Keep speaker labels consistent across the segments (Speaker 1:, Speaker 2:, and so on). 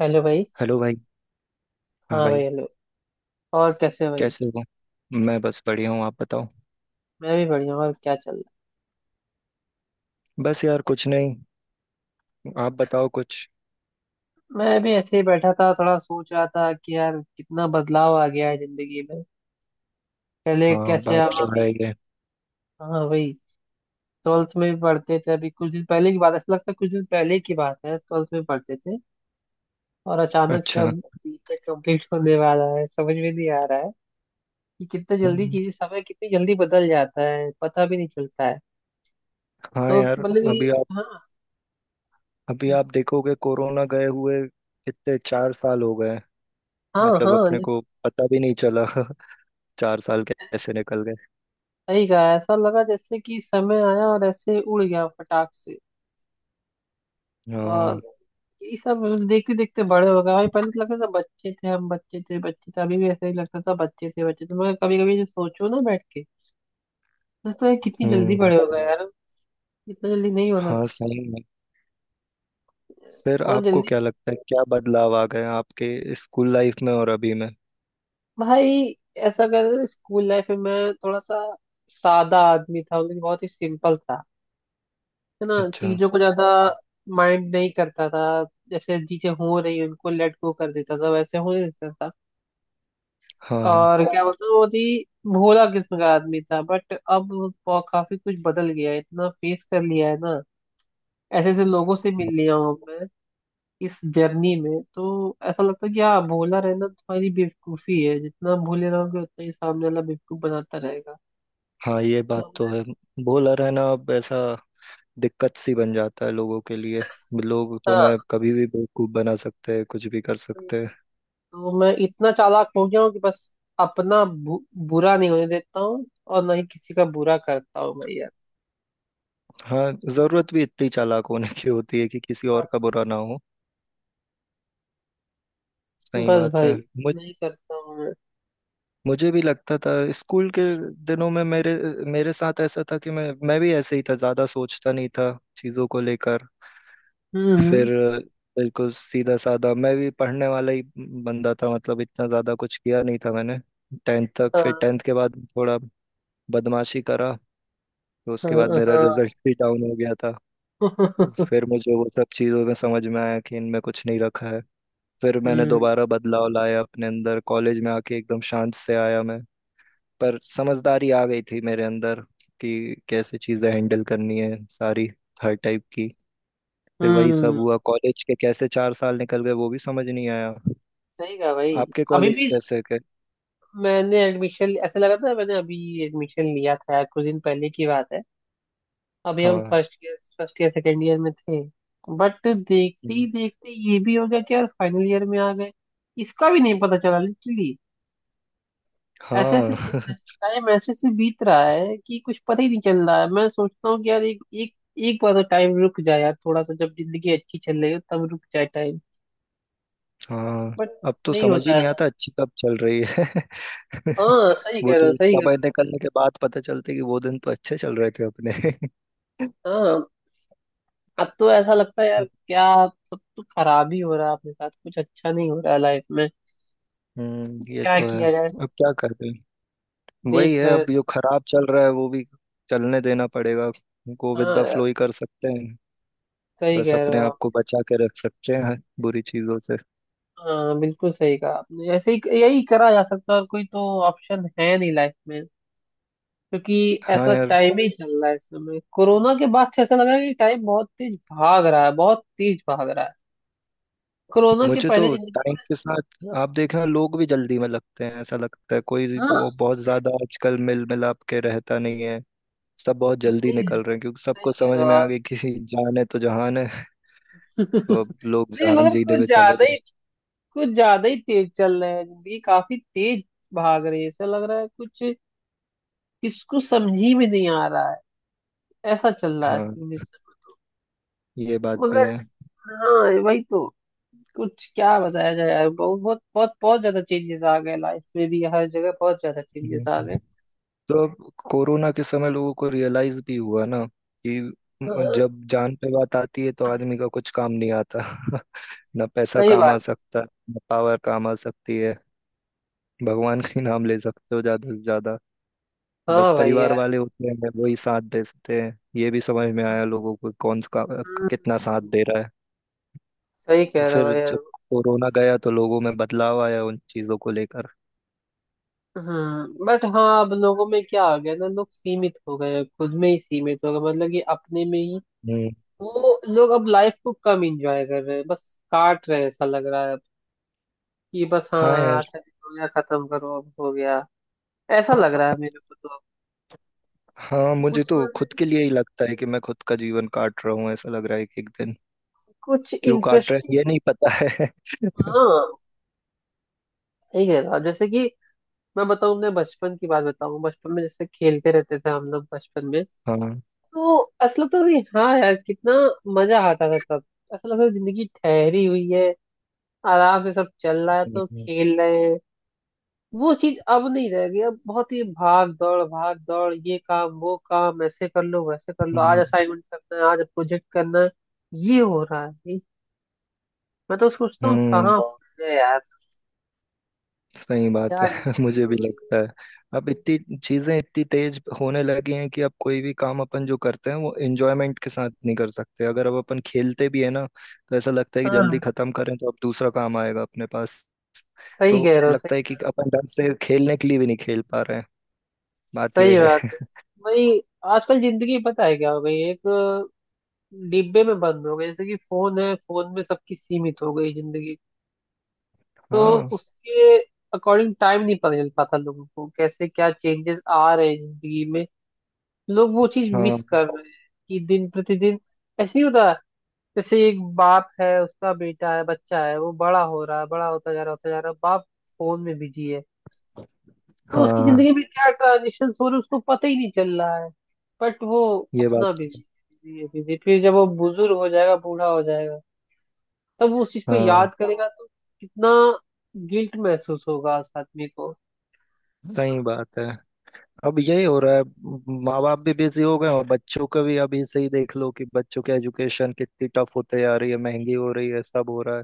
Speaker 1: Hello भाई।
Speaker 2: Hello भाई। हाँ
Speaker 1: हाँ भाई,
Speaker 2: भाई।
Speaker 1: हेलो। और कैसे हो भाई?
Speaker 2: कैसे हो? मैं बस बढ़िया हूँ, आप बताओ।
Speaker 1: मैं भी बढ़िया हूँ, और क्या चल रहा
Speaker 2: बस यार, कुछ नहीं। आप बताओ कुछ।
Speaker 1: है? मैं भी ऐसे ही बैठा था, थोड़ा सोच रहा था कि यार कितना बदलाव आ गया है जिंदगी में। पहले
Speaker 2: हाँ,
Speaker 1: कैसे,
Speaker 2: बात
Speaker 1: हम
Speaker 2: तो
Speaker 1: अभी।
Speaker 2: है ही है।
Speaker 1: हाँ भाई, ट्वेल्थ में भी पढ़ते थे अभी, कुछ दिन पहले की बात है, ऐसा लगता है कुछ दिन पहले की बात है ट्वेल्थ में पढ़ते थे और अचानक से अब
Speaker 2: अच्छा।
Speaker 1: बीटेक कंप्लीट होने वाला है। समझ में नहीं आ रहा है कि कितना जल्दी
Speaker 2: हम्म,
Speaker 1: चीजें, समय कितनी जल्दी बदल जाता है, पता भी नहीं चलता है।
Speaker 2: हाँ
Speaker 1: तो
Speaker 2: यार।
Speaker 1: मतलब कि हाँ,
Speaker 2: अभी आप देखोगे कोरोना गए हुए कितने, 4 साल हो गए।
Speaker 1: हाँ।
Speaker 2: मतलब
Speaker 1: हाँ,
Speaker 2: अपने को पता भी नहीं चला। 4 साल कैसे निकल गए।
Speaker 1: सही कहा, ऐसा लगा जैसे कि समय आया और ऐसे उड़ गया फटाक से। और
Speaker 2: हाँ।
Speaker 1: ये सब देखते देखते बड़े हो गए भाई। पहले तो लगता था बच्चे थे, हम बच्चे थे, बच्चे थे, अभी भी ऐसा ही लगता था बच्चे थे बच्चे थे, मगर कभी कभी जो सोचो ना बैठ के, तो लगता है कितनी जल्दी
Speaker 2: हम्म।
Speaker 1: बड़े हो गए यार। इतना जल्दी नहीं होना
Speaker 2: हाँ,
Speaker 1: था।
Speaker 2: सही में। फिर
Speaker 1: बहुत
Speaker 2: आपको
Speaker 1: जल्दी।
Speaker 2: क्या लगता है, क्या बदलाव आ गए आपके स्कूल लाइफ में और अभी में?
Speaker 1: भाई ऐसा कर रहे, स्कूल लाइफ में मैं थोड़ा सा सादा आदमी था, मतलब कि बहुत ही सिंपल था, है ना।
Speaker 2: अच्छा।
Speaker 1: चीजों को ज्यादा माइंड नहीं करता था, जैसे चीजें हो रही उनको लेट गो कर देता था, वैसे होने देता था।
Speaker 2: हाँ हाँ।
Speaker 1: और क्या बताऊँ, बहुत ही भोला किस्म का आदमी था, बट अब वो काफी कुछ बदल गया है। इतना फेस कर लिया है ना, ऐसे ऐसे लोगों से मिल लिया हूँ मैं इस जर्नी में, तो ऐसा लगता है कि हाँ, भोला रहना तुम्हारी बेवकूफी है, जितना भोले रहोगे उतना ही सामने वाला बेवकूफ बनाता रहेगा।
Speaker 2: हाँ, ये
Speaker 1: तो
Speaker 2: बात तो
Speaker 1: मैं-
Speaker 2: है। बॉलर है ना अब, ऐसा दिक्कत सी बन जाता है लोगों के लिए। लोग तो मैं
Speaker 1: हाँ,
Speaker 2: कभी भी बेवकूफ बना सकते हैं, कुछ भी कर सकते हैं।
Speaker 1: तो मैं इतना चालाक हो गया हूँ कि बस अपना बुरा नहीं होने देता हूँ और ना ही किसी का बुरा करता हूँ भाई यार।
Speaker 2: हाँ, जरूरत भी इतनी चालाक होने की होती है कि किसी और
Speaker 1: बस।
Speaker 2: का बुरा ना हो। सही
Speaker 1: बस
Speaker 2: बात
Speaker 1: भाई,
Speaker 2: है। मुझ
Speaker 1: नहीं करता हूँ मैं।
Speaker 2: मुझे भी लगता था स्कूल के दिनों में, मेरे मेरे साथ ऐसा था कि मैं भी ऐसे ही था, ज्यादा सोचता नहीं था चीजों को लेकर।
Speaker 1: हम्म
Speaker 2: फिर
Speaker 1: हम्म,
Speaker 2: बिल्कुल सीधा साधा मैं भी पढ़ने वाला ही बंदा था, मतलब इतना ज़्यादा कुछ किया नहीं था मैंने टेंथ तक। फिर
Speaker 1: हाँ,
Speaker 2: टेंथ के बाद थोड़ा बदमाशी करा तो उसके बाद
Speaker 1: हाँ।
Speaker 2: मेरा
Speaker 1: हाँ।
Speaker 2: रिजल्ट भी डाउन हो गया था। तो फिर मुझे वो सब चीज़ों में समझ में आया कि इनमें कुछ नहीं रखा है। फिर मैंने
Speaker 1: हम्म
Speaker 2: दोबारा बदलाव लाया अपने अंदर, कॉलेज में आके एकदम शांत से आया मैं। पर समझदारी आ गई थी मेरे अंदर कि कैसे चीज़ें हैंडल करनी है सारी, हर टाइप की। फिर वही सब
Speaker 1: हम्म
Speaker 2: हुआ, कॉलेज के कैसे 4 साल निकल गए वो भी समझ नहीं आया।
Speaker 1: सही कहा भाई।
Speaker 2: आपके
Speaker 1: अभी
Speaker 2: कॉलेज
Speaker 1: भी
Speaker 2: कैसे के?
Speaker 1: मैंने एडमिशन, ऐसा लगा था मैंने अभी एडमिशन लिया था, कुछ दिन पहले की बात है। अभी हम
Speaker 2: हाँ।
Speaker 1: फर्स्ट ईयर, सेकेंड ईयर में थे, बट देखते ही
Speaker 2: हम्म,
Speaker 1: देखते ये भी हो गया कि यार फाइनल ईयर में आ गए। इसका भी नहीं पता चला लिटरली। ऐसे ऐसे
Speaker 2: हाँ।
Speaker 1: टाइम ऐसे से बीत रहा है कि कुछ पता ही नहीं चल रहा है। मैं सोचता हूँ कि यार एक एक एक बार तो टाइम रुक जाए यार, थोड़ा सा, जब जिंदगी अच्छी चल रही हो तब रुक जाए टाइम।
Speaker 2: हाँ,
Speaker 1: बट
Speaker 2: अब तो
Speaker 1: नहीं
Speaker 2: समझ ही
Speaker 1: होता।
Speaker 2: नहीं आता अच्छी कब चल रही है।
Speaker 1: हाँ सही
Speaker 2: वो
Speaker 1: कह रहे हो,
Speaker 2: तो
Speaker 1: सही कह
Speaker 2: समय निकलने के बाद पता चलते कि वो दिन तो अच्छे चल रहे थे अपने।
Speaker 1: रहे हो। हाँ, अब तो ऐसा लगता है यार क्या, सब तो खराब ही हो रहा है, अपने साथ कुछ अच्छा नहीं हो रहा है लाइफ में।
Speaker 2: हम्म, ये
Speaker 1: क्या
Speaker 2: तो है।
Speaker 1: किया जाए,
Speaker 2: अब क्या करें। वही
Speaker 1: देख
Speaker 2: है,
Speaker 1: रहे हैं।
Speaker 2: अब जो खराब चल रहा है वो भी चलने देना पड़ेगा। गो विद
Speaker 1: हाँ
Speaker 2: द
Speaker 1: यार,
Speaker 2: फ्लो ही कर सकते हैं।
Speaker 1: सही
Speaker 2: बस
Speaker 1: कह रहे
Speaker 2: अपने
Speaker 1: हो
Speaker 2: आप
Speaker 1: आप।
Speaker 2: को बचा के रख सकते हैं बुरी चीजों से।
Speaker 1: हाँ बिल्कुल सही कहा आपने, ऐसे ही, यही करा जा सकता है और कोई तो ऑप्शन है नहीं लाइफ में, क्योंकि
Speaker 2: हाँ
Speaker 1: ऐसा
Speaker 2: यार,
Speaker 1: टाइम ही चल रहा है इस समय। कोरोना के बाद से ऐसा लग रहा है कि टाइम बहुत तेज भाग रहा है, बहुत तेज भाग रहा है। कोरोना के
Speaker 2: मुझे तो
Speaker 1: पहले जिंदगी।
Speaker 2: टाइम के साथ आप देखना लोग भी जल्दी में लगते हैं, ऐसा लगता है कोई
Speaker 1: हाँ
Speaker 2: बहुत ज्यादा आजकल मिल मिलाप के रहता नहीं है। सब बहुत जल्दी
Speaker 1: सही है।
Speaker 2: निकल रहे हैं क्योंकि सबको
Speaker 1: सही कह
Speaker 2: समझ
Speaker 1: रहे हो
Speaker 2: में आ
Speaker 1: आप।
Speaker 2: गई कि जान है तो जहान है। तो अब लोग
Speaker 1: नहीं
Speaker 2: जहान
Speaker 1: मगर
Speaker 2: जीने
Speaker 1: कुछ
Speaker 2: में चले
Speaker 1: ज्यादा
Speaker 2: गए।
Speaker 1: ही, कुछ ज्यादा ही तेज चल रहे हैं, जिंदगी काफी तेज भाग रही है, ऐसा लग रहा है कुछ, किसको समझी में नहीं आ रहा है। ऐसा चल रहा है
Speaker 2: हाँ,
Speaker 1: सिचुएशन।
Speaker 2: ये बात भी
Speaker 1: मगर
Speaker 2: है।
Speaker 1: हाँ वही तो, कुछ क्या बताया जाए यार, बहुत बहुत बहुत बहुत ज्यादा चेंजेस आ गए लाइफ में भी, हर जगह बहुत ज्यादा चेंजेस आ
Speaker 2: हम्म।
Speaker 1: गए।
Speaker 2: तो अब कोरोना के समय लोगों को रियलाइज भी हुआ ना कि
Speaker 1: हाँ,
Speaker 2: जब जान पे बात आती है तो आदमी का कुछ काम नहीं आता। ना पैसा
Speaker 1: सही
Speaker 2: काम आ
Speaker 1: बात।
Speaker 2: सकता, ना पावर काम आ सकती है। भगवान का ही नाम ले सकते हो ज्यादा से ज्यादा। बस
Speaker 1: हाँ भाई
Speaker 2: परिवार
Speaker 1: यार।
Speaker 2: वाले होते हैं वही साथ देते हैं, ये भी समझ में आया लोगों को कौन सा
Speaker 1: हम्म,
Speaker 2: कितना साथ दे रहा है।
Speaker 1: सही
Speaker 2: तो
Speaker 1: कह रहे हो
Speaker 2: फिर
Speaker 1: भाई यार।
Speaker 2: जब कोरोना गया तो लोगों में बदलाव आया उन चीजों को लेकर।
Speaker 1: हम्म, बट हाँ अब लोगों में क्या हो गया ना, लोग सीमित हो गए हैं, खुद में ही सीमित हो गए, मतलब कि अपने में ही।
Speaker 2: हम्म।
Speaker 1: वो लोग अब लाइफ को कम एंजॉय कर रहे हैं, बस काट रहे हैं, ऐसा लग रहा है अब, कि बस हाँ
Speaker 2: हाँ यार।
Speaker 1: आज का दिन हो गया, खत्म करो, अब हो गया। ऐसा लग रहा है मेरे को तो अब,
Speaker 2: हाँ, मुझे
Speaker 1: कुछ
Speaker 2: तो
Speaker 1: मतलब
Speaker 2: खुद के
Speaker 1: कि
Speaker 2: लिए ही लगता है कि मैं खुद का जीवन काट रहा हूँ, ऐसा लग रहा है कि एक दिन
Speaker 1: कुछ
Speaker 2: क्यों काट रहे हैं
Speaker 1: इंटरेस्टिंग।
Speaker 2: ये नहीं पता है।
Speaker 1: हाँ, ठीक है ना, जैसे कि मैं बताऊँ, अपने बचपन की बात बताऊँ, बचपन में जैसे खेलते रहते थे हम लोग बचपन में,
Speaker 2: हाँ।
Speaker 1: तो ऐसा लगता था कि हाँ यार कितना मजा आता था तब। ऐसा लगता था जिंदगी ठहरी हुई है, आराम से सब चल रहा है, तो
Speaker 2: हम्म।
Speaker 1: खेल रहे हैं। वो चीज अब नहीं रह गई। अब बहुत ही भाग दौड़, भाग दौड़, ये काम वो काम, ऐसे कर लो वैसे कर लो, आज
Speaker 2: हम्म।
Speaker 1: असाइनमेंट करना है, आज प्रोजेक्ट करना है, ये हो रहा है मैं तो सोचता हूँ
Speaker 2: हम्म,
Speaker 1: कहाँ फंस गए यार,
Speaker 2: सही
Speaker 1: क्या
Speaker 2: बात है।
Speaker 1: जिंदगी
Speaker 2: मुझे
Speaker 1: हो
Speaker 2: भी
Speaker 1: गई है।
Speaker 2: लगता है अब इतनी चीजें इतनी तेज होने लगी हैं कि अब कोई भी काम अपन जो करते हैं वो एंजॉयमेंट के साथ नहीं कर सकते। अगर अब अपन खेलते भी है ना तो ऐसा लगता है कि जल्दी
Speaker 1: हाँ
Speaker 2: खत्म करें तो अब दूसरा काम आएगा अपने पास।
Speaker 1: सही
Speaker 2: तो
Speaker 1: कह रहे हो, सही
Speaker 2: लगता है
Speaker 1: कह
Speaker 2: कि
Speaker 1: रहे हो।
Speaker 2: अपन ढंग से खेलने के लिए भी नहीं खेल पा रहे हैं, बात ये
Speaker 1: सही बात है
Speaker 2: है।
Speaker 1: भाई। आजकल जिंदगी पता है क्या हो गई, एक डिब्बे में बंद हो गई, जैसे कि फोन है, फोन में सबकी सीमित हो गई जिंदगी। तो
Speaker 2: हाँ
Speaker 1: उसके अकॉर्डिंग टाइम नहीं पता चल पाता लोगों को, कैसे क्या चेंजेस आ रहे हैं जिंदगी में। लोग वो चीज
Speaker 2: हाँ
Speaker 1: मिस कर रहे हैं कि दिन प्रतिदिन ऐसे ही होता है। जैसे एक बाप है, उसका बेटा है, बच्चा है, वो बड़ा हो रहा है, बड़ा होता जा रहा है, बाप फोन में बिजी है, तो उसकी
Speaker 2: हाँ,
Speaker 1: जिंदगी में क्या ट्रांजिशन हो रहे हैं, उसको पता ही नहीं चल रहा है। बट वो
Speaker 2: ये बात।
Speaker 1: अपना बिजी बिजी है, बिजी। फिर जब वो बुजुर्ग हो जाएगा, बूढ़ा हो जाएगा, तब वो उस चीज को
Speaker 2: हाँ,
Speaker 1: याद करेगा, तो कितना गिल्ट महसूस होगा उस आदमी को।
Speaker 2: सही बात है। अब यही हो रहा है। माँ बाप भी बिजी हो गए हैं और बच्चों का भी अभी से ही देख लो कि बच्चों के एजुकेशन कितनी टफ होते जा रही है, महंगी हो रही है, सब हो रहा है।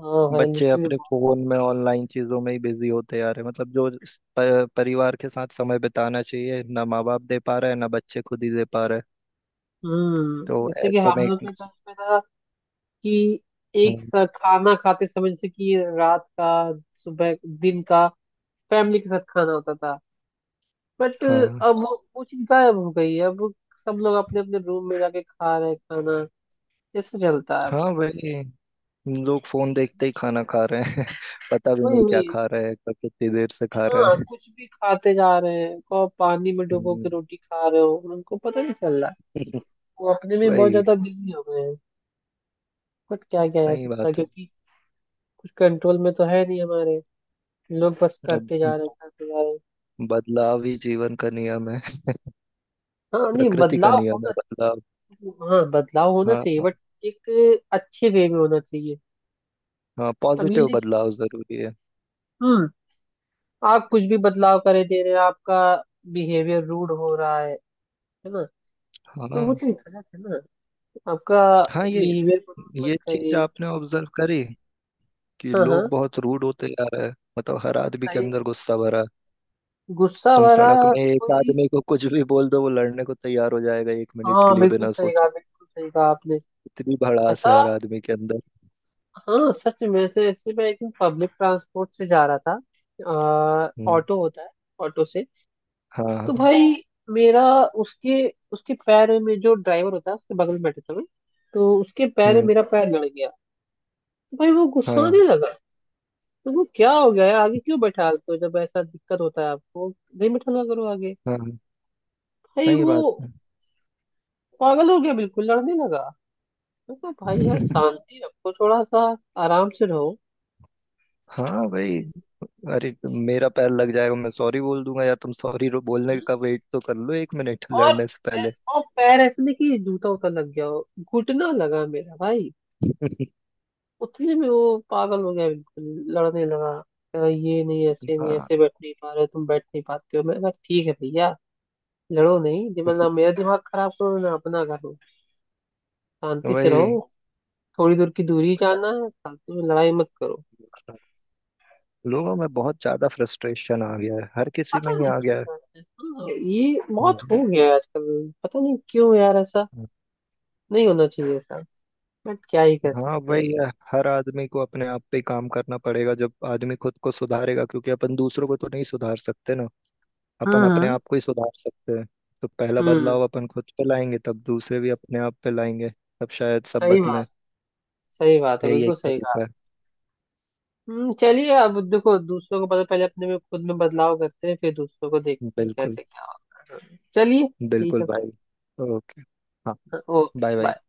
Speaker 1: हाँ भाई
Speaker 2: बच्चे
Speaker 1: लिटरली।
Speaker 2: अपने फोन में ऑनलाइन चीजों में ही बिजी होते जा रहे हैं, मतलब जो इस परिवार के साथ समय बिताना चाहिए ना माँ बाप दे पा रहे हैं ना बच्चे खुद ही दे पा रहे हैं।
Speaker 1: हम्म,
Speaker 2: तो
Speaker 1: जैसे कि
Speaker 2: ऐसे
Speaker 1: हम
Speaker 2: में।
Speaker 1: लोग के टाइम पे था कि एक
Speaker 2: हम्म,
Speaker 1: साथ खाना खाते समय, जैसे कि रात का, सुबह, दिन का, फैमिली के साथ खाना होता था, बट
Speaker 2: हाँ
Speaker 1: अब वो चीज गायब हो गई है। अब सब लोग अपने अपने रूम में जाके खा रहे हैं खाना। कैसे चलता है अब?
Speaker 2: हाँ। वही, लोग फोन देखते ही खाना खा रहे हैं। पता भी
Speaker 1: वही
Speaker 2: नहीं क्या
Speaker 1: वही।
Speaker 2: खा रहे हैं, कब, कितनी देर से खा रहे
Speaker 1: हाँ,
Speaker 2: हैं।
Speaker 1: कुछ भी खाते जा रहे हैं, को पानी में डुबो के
Speaker 2: हम्म।
Speaker 1: रोटी खा रहे हो उनको पता नहीं चल रहा है। वो अपने में बहुत
Speaker 2: वही।
Speaker 1: ज्यादा बिजी हो गए हैं। बट क्या किया जा
Speaker 2: सही
Speaker 1: सकता है,
Speaker 2: बात है।
Speaker 1: क्योंकि कुछ कंट्रोल में तो है नहीं हमारे। लोग बस
Speaker 2: अब
Speaker 1: करते जा रहे हैं, करते जा रहे हैं।
Speaker 2: बदलाव ही जीवन का नियम है,
Speaker 1: हाँ नहीं,
Speaker 2: प्रकृति का
Speaker 1: बदलाव
Speaker 2: नियम है
Speaker 1: होना,
Speaker 2: बदलाव।
Speaker 1: हाँ, बदलाव होना
Speaker 2: हाँ।
Speaker 1: चाहिए, बट एक अच्छे वे में होना चाहिए।
Speaker 2: हाँ,
Speaker 1: अब ये
Speaker 2: पॉजिटिव
Speaker 1: नहीं कि,
Speaker 2: बदलाव जरूरी है।
Speaker 1: हम्म, आप कुछ भी बदलाव करे दे रहे हैं, आपका बिहेवियर रूड हो रहा है ना, तो वो
Speaker 2: हाँ
Speaker 1: चीज गलत है ना। आपका
Speaker 2: हाँ,
Speaker 1: बिहेवियर मत
Speaker 2: ये चीज
Speaker 1: करिए।
Speaker 2: आपने ऑब्जर्व करी कि
Speaker 1: हाँ, हाँ
Speaker 2: लोग बहुत रूड होते जा रहे हैं, मतलब हर आदमी के
Speaker 1: सही।
Speaker 2: अंदर गुस्सा भरा है।
Speaker 1: गुस्सा
Speaker 2: तुम
Speaker 1: भरा
Speaker 2: सड़क
Speaker 1: और
Speaker 2: में एक
Speaker 1: कोई।
Speaker 2: आदमी को कुछ भी बोल दो वो लड़ने को तैयार हो जाएगा एक मिनट के
Speaker 1: हाँ
Speaker 2: लिए
Speaker 1: बिल्कुल
Speaker 2: बिना
Speaker 1: सही कहा,
Speaker 2: सोचे।
Speaker 1: बिल्कुल सही कहा आपने।
Speaker 2: इतनी भड़ास
Speaker 1: ऐसा,
Speaker 2: है हर आदमी के अंदर।
Speaker 1: हाँ सच में। से ऐसे, मैं एक दिन पब्लिक ट्रांसपोर्ट से जा रहा था,
Speaker 2: हम्म।
Speaker 1: ऑटो होता है, ऑटो से, तो
Speaker 2: हाँ।
Speaker 1: भाई मेरा, उसके, उसके पैर में, जो ड्राइवर होता है उसके बगल में बैठे थे मैं, तो उसके पैर में
Speaker 2: हम्म।
Speaker 1: मेरा पैर लड़ गया। तो भाई वो
Speaker 2: हाँ
Speaker 1: गुस्साने लगा, तो वो क्या हो गया है, आगे क्यों बैठालते हो जब ऐसा दिक्कत होता है आपको, नहीं बैठाला करो आगे।
Speaker 2: हाँ,
Speaker 1: भाई
Speaker 2: सही
Speaker 1: वो
Speaker 2: बात है।
Speaker 1: पागल हो गया बिल्कुल, लड़ने लगा। मैं कहा, भाई यार शांति रखो थोड़ा सा, आराम से रहो।
Speaker 2: हाँ भाई, अरे तो मेरा पैर लग जाएगा मैं सॉरी बोल दूंगा यार, तुम सॉरी बोलने का वेट तो कर लो एक मिनट
Speaker 1: और
Speaker 2: लड़ने से पहले।
Speaker 1: और पैर ऐसे नहीं कि जूता उता लग गया हो, घुटना लगा मेरा भाई। उतने में वो पागल हो गया बिल्कुल, लड़ने लगा, कह रहा, ये नहीं ऐसे, नहीं
Speaker 2: हाँ
Speaker 1: ऐसे बैठ नहीं पा रहे तुम, बैठ नहीं पाते हो। मैं कहा ठीक है भैया, लड़ो नहीं,
Speaker 2: तो
Speaker 1: दिमाग ना, मेरा दिमाग खराब करो ना, अपना करो। शांति से रहो,
Speaker 2: वही,
Speaker 1: थोड़ी दूर की दूरी जाना है, फालतू में लड़ाई मत करो।
Speaker 2: लोगों में बहुत ज्यादा फ्रस्ट्रेशन आ गया है, हर किसी
Speaker 1: पता
Speaker 2: में ही
Speaker 1: नहीं
Speaker 2: आ
Speaker 1: किस
Speaker 2: गया है।
Speaker 1: बात है। हाँ, ये बहुत हो
Speaker 2: हम्म,
Speaker 1: गया है आजकल, पता नहीं क्यों यार, ऐसा
Speaker 2: हम्म।
Speaker 1: नहीं होना चाहिए ऐसा, बट क्या ही कर
Speaker 2: हाँ
Speaker 1: सकते हैं।
Speaker 2: भाई, हर आदमी को अपने आप पे ही काम करना पड़ेगा जब आदमी खुद को सुधारेगा, क्योंकि अपन दूसरों को तो नहीं सुधार सकते ना। अपन
Speaker 1: हम्म
Speaker 2: अपने
Speaker 1: हम्म
Speaker 2: आप को ही सुधार सकते हैं। तो पहला
Speaker 1: हम्म
Speaker 2: बदलाव अपन खुद पे लाएंगे तब दूसरे भी अपने आप पे लाएंगे। तब शायद सब
Speaker 1: सही बात,
Speaker 2: बदलें।
Speaker 1: सही बात है,
Speaker 2: यही
Speaker 1: बिल्कुल
Speaker 2: एक
Speaker 1: सही कहा।
Speaker 2: तरीका है।
Speaker 1: चलिए अब देखो, दूसरों को पता, पहले अपने में, खुद में बदलाव करते हैं, फिर दूसरों को देखते हैं
Speaker 2: बिल्कुल।
Speaker 1: कैसे क्या होता है। चलिए ठीक
Speaker 2: बिल्कुल
Speaker 1: है फिर।
Speaker 2: भाई। ओके। हाँ।
Speaker 1: Okay,
Speaker 2: bye bye.
Speaker 1: बाय।